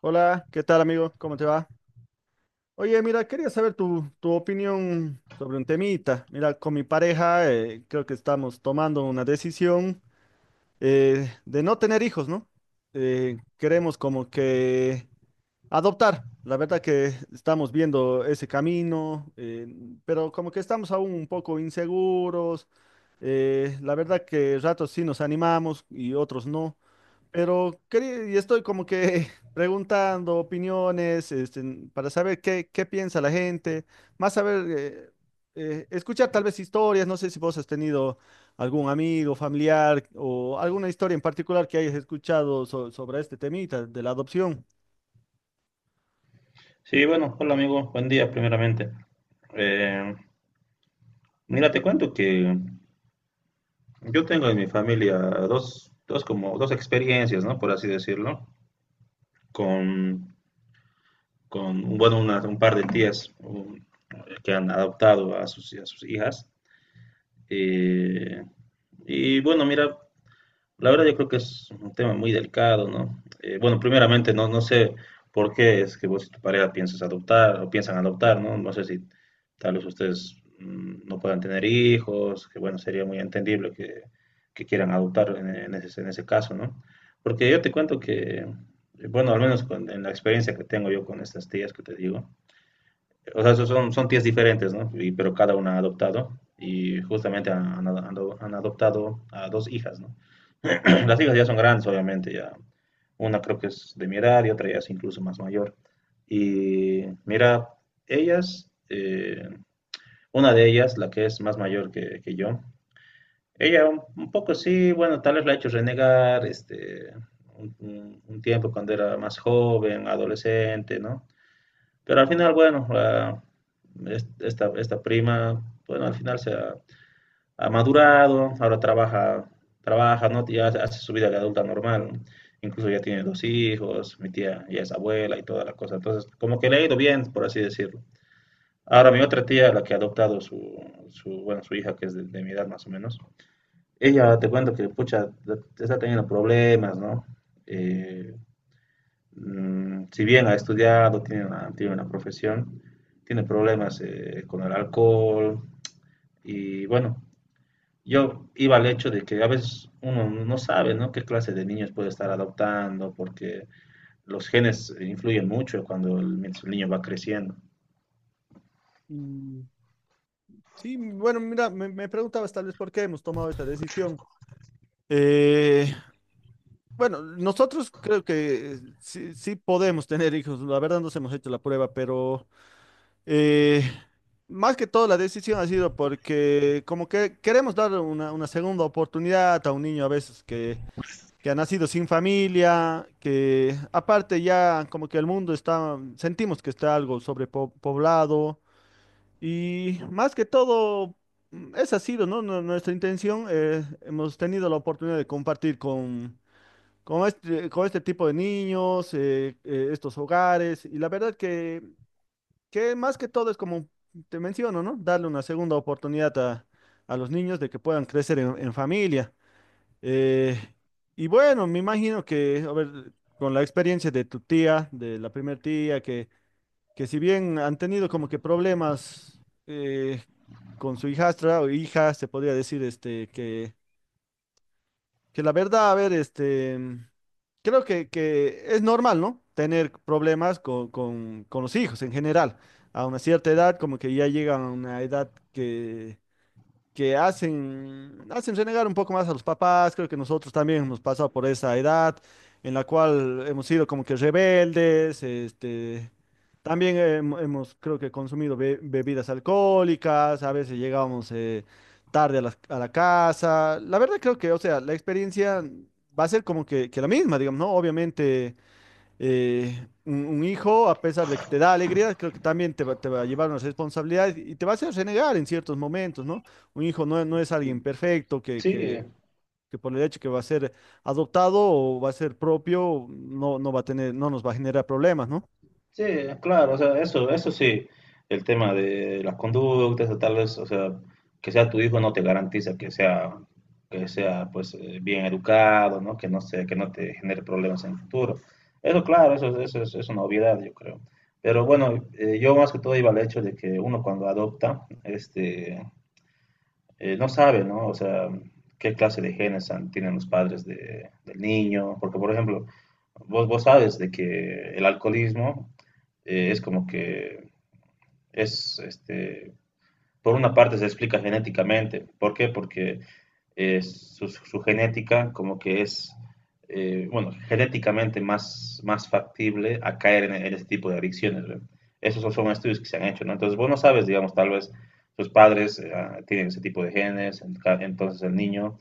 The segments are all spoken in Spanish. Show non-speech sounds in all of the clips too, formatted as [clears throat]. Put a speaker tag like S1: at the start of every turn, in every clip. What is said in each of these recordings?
S1: Hola, ¿qué tal amigo? ¿Cómo te va? Oye, mira, quería saber tu opinión sobre un temita. Mira, con mi pareja creo que estamos tomando una decisión de no tener hijos, ¿no? Queremos como que adoptar. La verdad que estamos viendo ese camino, pero como que estamos aún un poco inseguros. La verdad que ratos sí nos animamos y otros no. Pero y estoy como que [laughs] preguntando opiniones, este, para saber qué piensa la gente, más saber, escuchar tal vez historias, no sé si vos has tenido algún amigo, familiar o alguna historia en particular que hayas escuchado sobre este temita de la adopción.
S2: Sí, bueno, hola amigo, buen día primeramente. Eh, Mira, te cuento que yo tengo en mi familia dos experiencias, ¿no? Por así decirlo, con, con bueno, un par de tías que han adoptado a a sus hijas. Eh, y bueno, mira, la verdad yo creo que es un tema muy delicado, ¿no? Bueno, primeramente no sé por qué es que vos y tu pareja piensas adoptar o piensan adoptar, ¿no? No sé si tal vez ustedes no puedan tener hijos, que bueno, sería muy entendible que quieran adoptar en ese caso, ¿no? Porque yo te cuento que, bueno, al menos en la experiencia que tengo yo con estas tías que te digo, o sea, son tías diferentes, ¿no? Pero cada una ha adoptado y justamente han adoptado a dos hijas, ¿no? [clears throat] Las hijas ya son grandes, obviamente, ya. Una creo que es de mi edad y otra ya es incluso más mayor. Y mira, ellas, una de ellas, la que es más mayor que yo, ella un poco sí, bueno, tal vez la ha hecho renegar, este, un tiempo cuando era más joven, adolescente, ¿no? Pero al final, bueno, esta prima, bueno, al final ha madurado, ahora trabaja, ¿no? Ya hace su vida de adulta normal, incluso ya tiene dos hijos, mi tía ya es abuela y toda la cosa, entonces como que le ha ido bien, por así decirlo. Ahora mi otra tía, la que ha adoptado su, su bueno, su hija, que es de mi edad más o menos, ella te cuento que, pucha, está teniendo problemas, ¿no? Eh, si bien ha estudiado, tiene una profesión, tiene problemas con el alcohol y bueno, yo iba al hecho de que a veces uno no sabe, ¿no? Qué clase de niños puede estar adoptando, porque los genes influyen mucho cuando mientras el niño va creciendo.
S1: Mm, sí, bueno, mira, me preguntabas tal vez por qué hemos tomado esta decisión. Eh, bueno, nosotros creo que sí podemos tener hijos, la verdad nos hemos hecho la prueba, pero… Eh, Más que todo la decisión ha sido porque como que queremos dar una segunda oportunidad a un niño a veces que ha nacido sin familia, que aparte ya como que el mundo está, sentimos que está algo sobrepoblado y más que todo esa ha sido, ¿no? Nuestra intención. Hemos tenido la oportunidad de compartir con… con este tipo de niños, estos hogares, y la verdad que más que todo es como te menciono, ¿no? Darle una segunda oportunidad a los niños de que puedan crecer en familia. Eh, y bueno, me imagino que, a ver, con la experiencia de tu tía, de la primer tía, que si bien han tenido como que problemas eh, con su hijastra o hija, se podría decir este, que la verdad, a ver, este, creo que es normal, ¿no? Tener problemas con los hijos en general. A una cierta edad, como que ya llegan a una edad que hacen, hacen renegar un poco más a los papás. Creo que nosotros también hemos pasado por esa edad en la cual hemos sido como que rebeldes, este, también hemos, creo que consumido bebidas alcohólicas, a veces llegábamos tarde a a la casa. La verdad creo que, o sea, la experiencia va a ser como que la misma, digamos, ¿no? Obviamente un hijo, a pesar de que te da alegría, creo que también te va a llevar una responsabilidad y te va a hacer renegar en ciertos momentos, ¿no? Un hijo no es alguien perfecto
S2: Sí,
S1: que por el hecho que va a ser adoptado o va a ser propio, no va a tener, no nos va a generar problemas, ¿no?
S2: sí, claro, o sea, eso sí, el tema de las conductas, o tal vez, o sea, que sea tu hijo no te garantiza que sea, pues, bien educado, ¿no? Que no se, que no te genere problemas en el futuro. Eso, claro, es una obviedad, yo creo. Pero bueno, yo más que todo iba al hecho de que uno cuando adopta, este, no sabe, ¿no? O sea, qué clase de genes tienen los padres del niño, porque, por ejemplo, vos sabes de que el alcoholismo es como que este, por una parte se explica genéticamente. ¿Por qué? Porque genética como que bueno, genéticamente más factible a caer en este tipo de adicciones. ¿Ve? Esos son estudios que se han hecho, ¿no? Entonces, vos no sabes, digamos, tal vez tus padres tienen ese tipo de genes, entonces el niño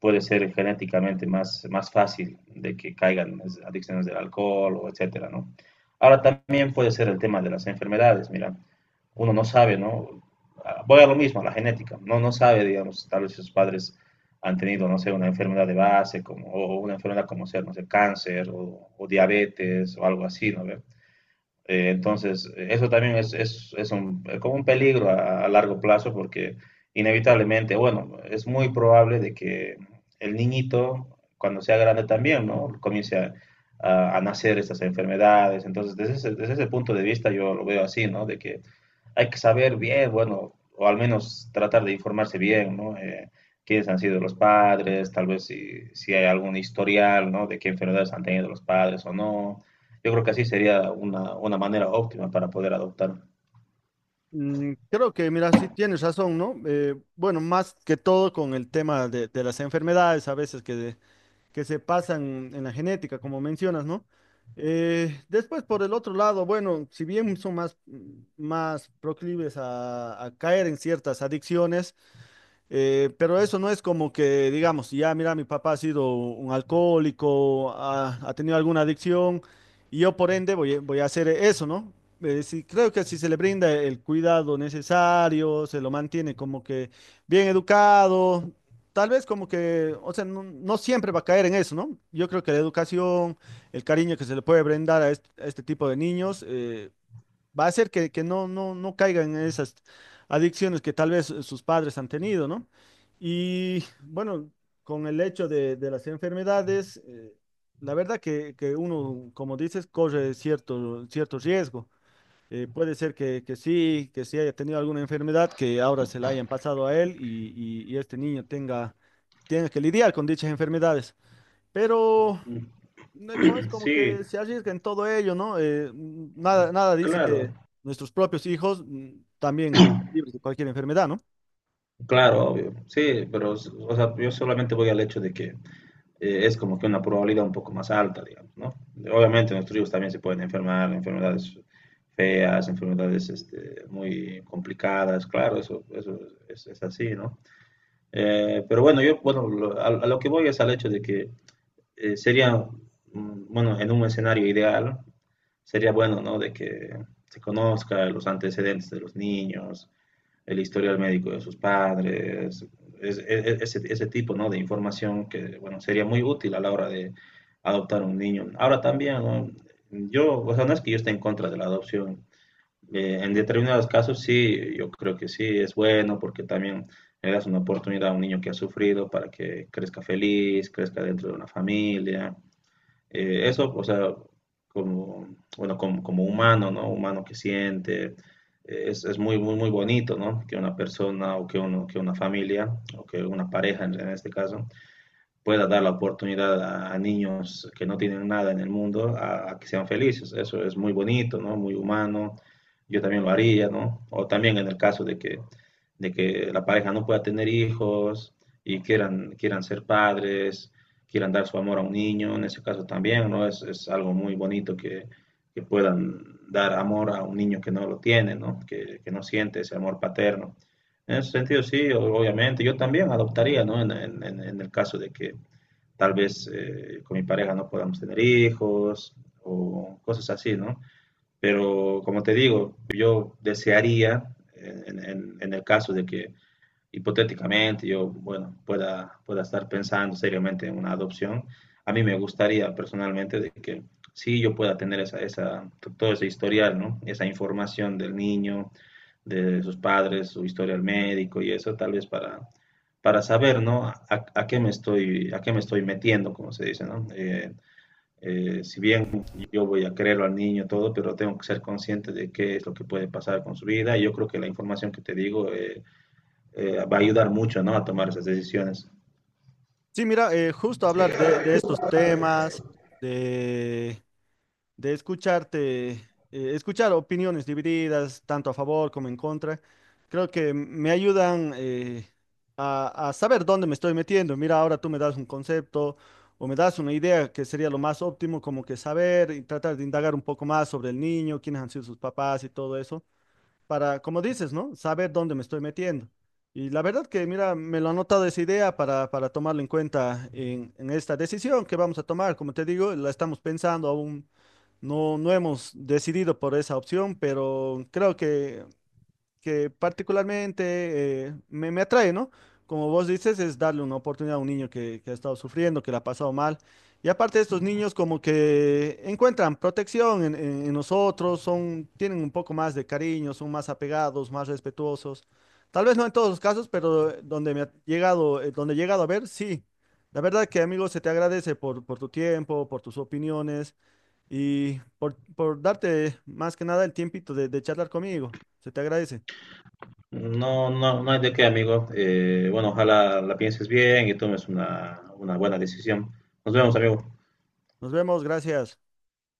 S2: puede ser genéticamente más fácil de que caigan adicciones del alcohol o etcétera, ¿no? Ahora también puede ser el tema de las enfermedades, mira, uno no sabe, ¿no? Voy a lo mismo, a la genética, no sabe, digamos, tal vez sus padres han tenido, no sé, una enfermedad de base como, o una enfermedad como ser, no sé, cáncer o diabetes o algo así, ¿no? ¿Ve? Entonces, eso también es un, como un peligro a largo plazo porque inevitablemente, bueno, es muy probable de que el niñito, cuando sea grande también, ¿no? Comience a nacer estas enfermedades. Entonces, desde ese punto de vista yo lo veo así, ¿no? De que hay que saber bien, bueno, o al menos tratar de informarse bien, ¿no? Quiénes han sido los padres, tal vez si hay algún historial, ¿no? De qué enfermedades han tenido los padres o no. Yo creo que así sería una manera óptima para poder adoptar.
S1: Mm, creo que, mira, sí tienes razón, ¿no? Bueno, más que todo con el tema de las enfermedades, a veces que se pasan en la genética, como mencionas, ¿no? Después, por el otro lado, bueno, si bien son más, más proclives a caer en ciertas adicciones, pero eso no es como que, digamos, si ya mira, mi papá ha sido un alcohólico, ha tenido alguna adicción, y yo por ende voy, voy a hacer eso, ¿no? Sí, creo que si se le brinda el cuidado necesario, se lo mantiene como que bien educado, tal vez como que, o sea, no siempre va a caer en eso, ¿no? Yo creo que la educación, el cariño que se le puede brindar a a este tipo de niños, va a hacer que no caigan en esas adicciones que tal vez sus padres han tenido, ¿no? Y bueno, con el hecho de las enfermedades, la verdad que uno, como dices, corre cierto, cierto riesgo. Puede ser que sí haya tenido alguna enfermedad que ahora se la hayan pasado a él y este niño tenga, tenga que lidiar con dichas enfermedades. Pero
S2: Mm,
S1: no, como es como
S2: sí,
S1: que se arriesga en todo ello, ¿no? Nada, nada dice
S2: claro,
S1: que nuestros propios hijos también libres de cualquier enfermedad, ¿no?
S2: claro, obvio. Sí, pero o sea, yo solamente voy al hecho de que es como que una probabilidad un poco más alta, digamos, ¿no? Obviamente los trigos también se pueden enfermar, enfermedades feas, enfermedades este, muy complicadas, claro, eso es así, ¿no? Pero bueno, yo, bueno, a lo que voy es al hecho de que sería, bueno, en un escenario ideal, sería bueno, ¿no? De que se conozca los antecedentes de los niños, el historial médico de sus padres, es, es, ese tipo ¿no? de información que bueno, sería muy útil a la hora de adoptar un niño. Ahora también, ¿no? Yo, o sea, no es que yo esté en contra de la adopción. En determinados casos sí, yo creo que sí, es bueno porque también le das una oportunidad a un niño que ha sufrido para que crezca feliz, crezca dentro de una familia. Eso, o sea, como, bueno, como, como humano, ¿no? Humano que siente, es muy, muy, muy bonito, ¿no? Que una persona o que, uno, que una familia o que una pareja en este caso pueda dar la oportunidad a, niños que no tienen nada en el mundo a, que sean felices. Eso es muy bonito, ¿no? Muy humano. Yo también lo haría, ¿no? O también en el caso de que la pareja no pueda tener hijos y quieran, quieran ser padres, quieran dar su amor a un niño, en ese caso también, ¿no? Es algo muy bonito que, puedan dar amor a un niño que no lo tiene, ¿no? Que no siente ese amor paterno. En ese sentido, sí, obviamente, yo también adoptaría, ¿no? En en el caso de que, tal vez con mi pareja no podamos tener hijos o cosas así, ¿no? Pero como te digo, yo desearía, en el caso de que hipotéticamente yo, bueno, pueda estar pensando seriamente en una adopción, a mí me gustaría personalmente de que sí yo pueda tener todo ese historial, ¿no? Esa información del niño, de sus padres, su historia al médico y eso, tal vez para saber, ¿no? A qué me estoy, a qué me estoy metiendo, como se dice, ¿no? Si bien yo voy a creerlo al niño todo, pero tengo que ser consciente de qué es lo que puede pasar con su vida. Y yo creo que la información que te digo va a ayudar mucho, ¿no? A tomar esas decisiones.
S1: Sí, mira, justo hablar de estos temas, de escucharte, escuchar opiniones divididas, tanto a favor como en contra, creo que me ayudan a saber dónde me estoy metiendo. Mira, ahora tú me das un concepto o me das una idea que sería lo más óptimo, como que saber y tratar de indagar un poco más sobre el niño, quiénes han sido sus papás y todo eso para, como dices, ¿no? Saber dónde me estoy metiendo. Y la verdad que, mira, me lo ha anotado esa idea para tomarlo en cuenta en esta decisión que vamos a tomar. Como te digo, la estamos pensando aún, no hemos decidido por esa opción, pero creo que particularmente me atrae, ¿no? Como vos dices, es darle una oportunidad a un niño que ha estado sufriendo, que la ha pasado mal. Y aparte estos niños como que encuentran protección en nosotros, son, tienen un poco más de cariño, son más apegados, más respetuosos. Tal vez no en todos los casos, pero donde me ha llegado, donde he llegado a ver, sí. La verdad que, amigo, se te agradece por tu tiempo, por tus opiniones y por darte más que nada el tiempito de charlar conmigo. Se te agradece.
S2: No, no, no hay de qué, amigo. Bueno, ojalá la pienses bien y tomes una buena decisión. Nos vemos, amigo.
S1: Nos vemos, gracias.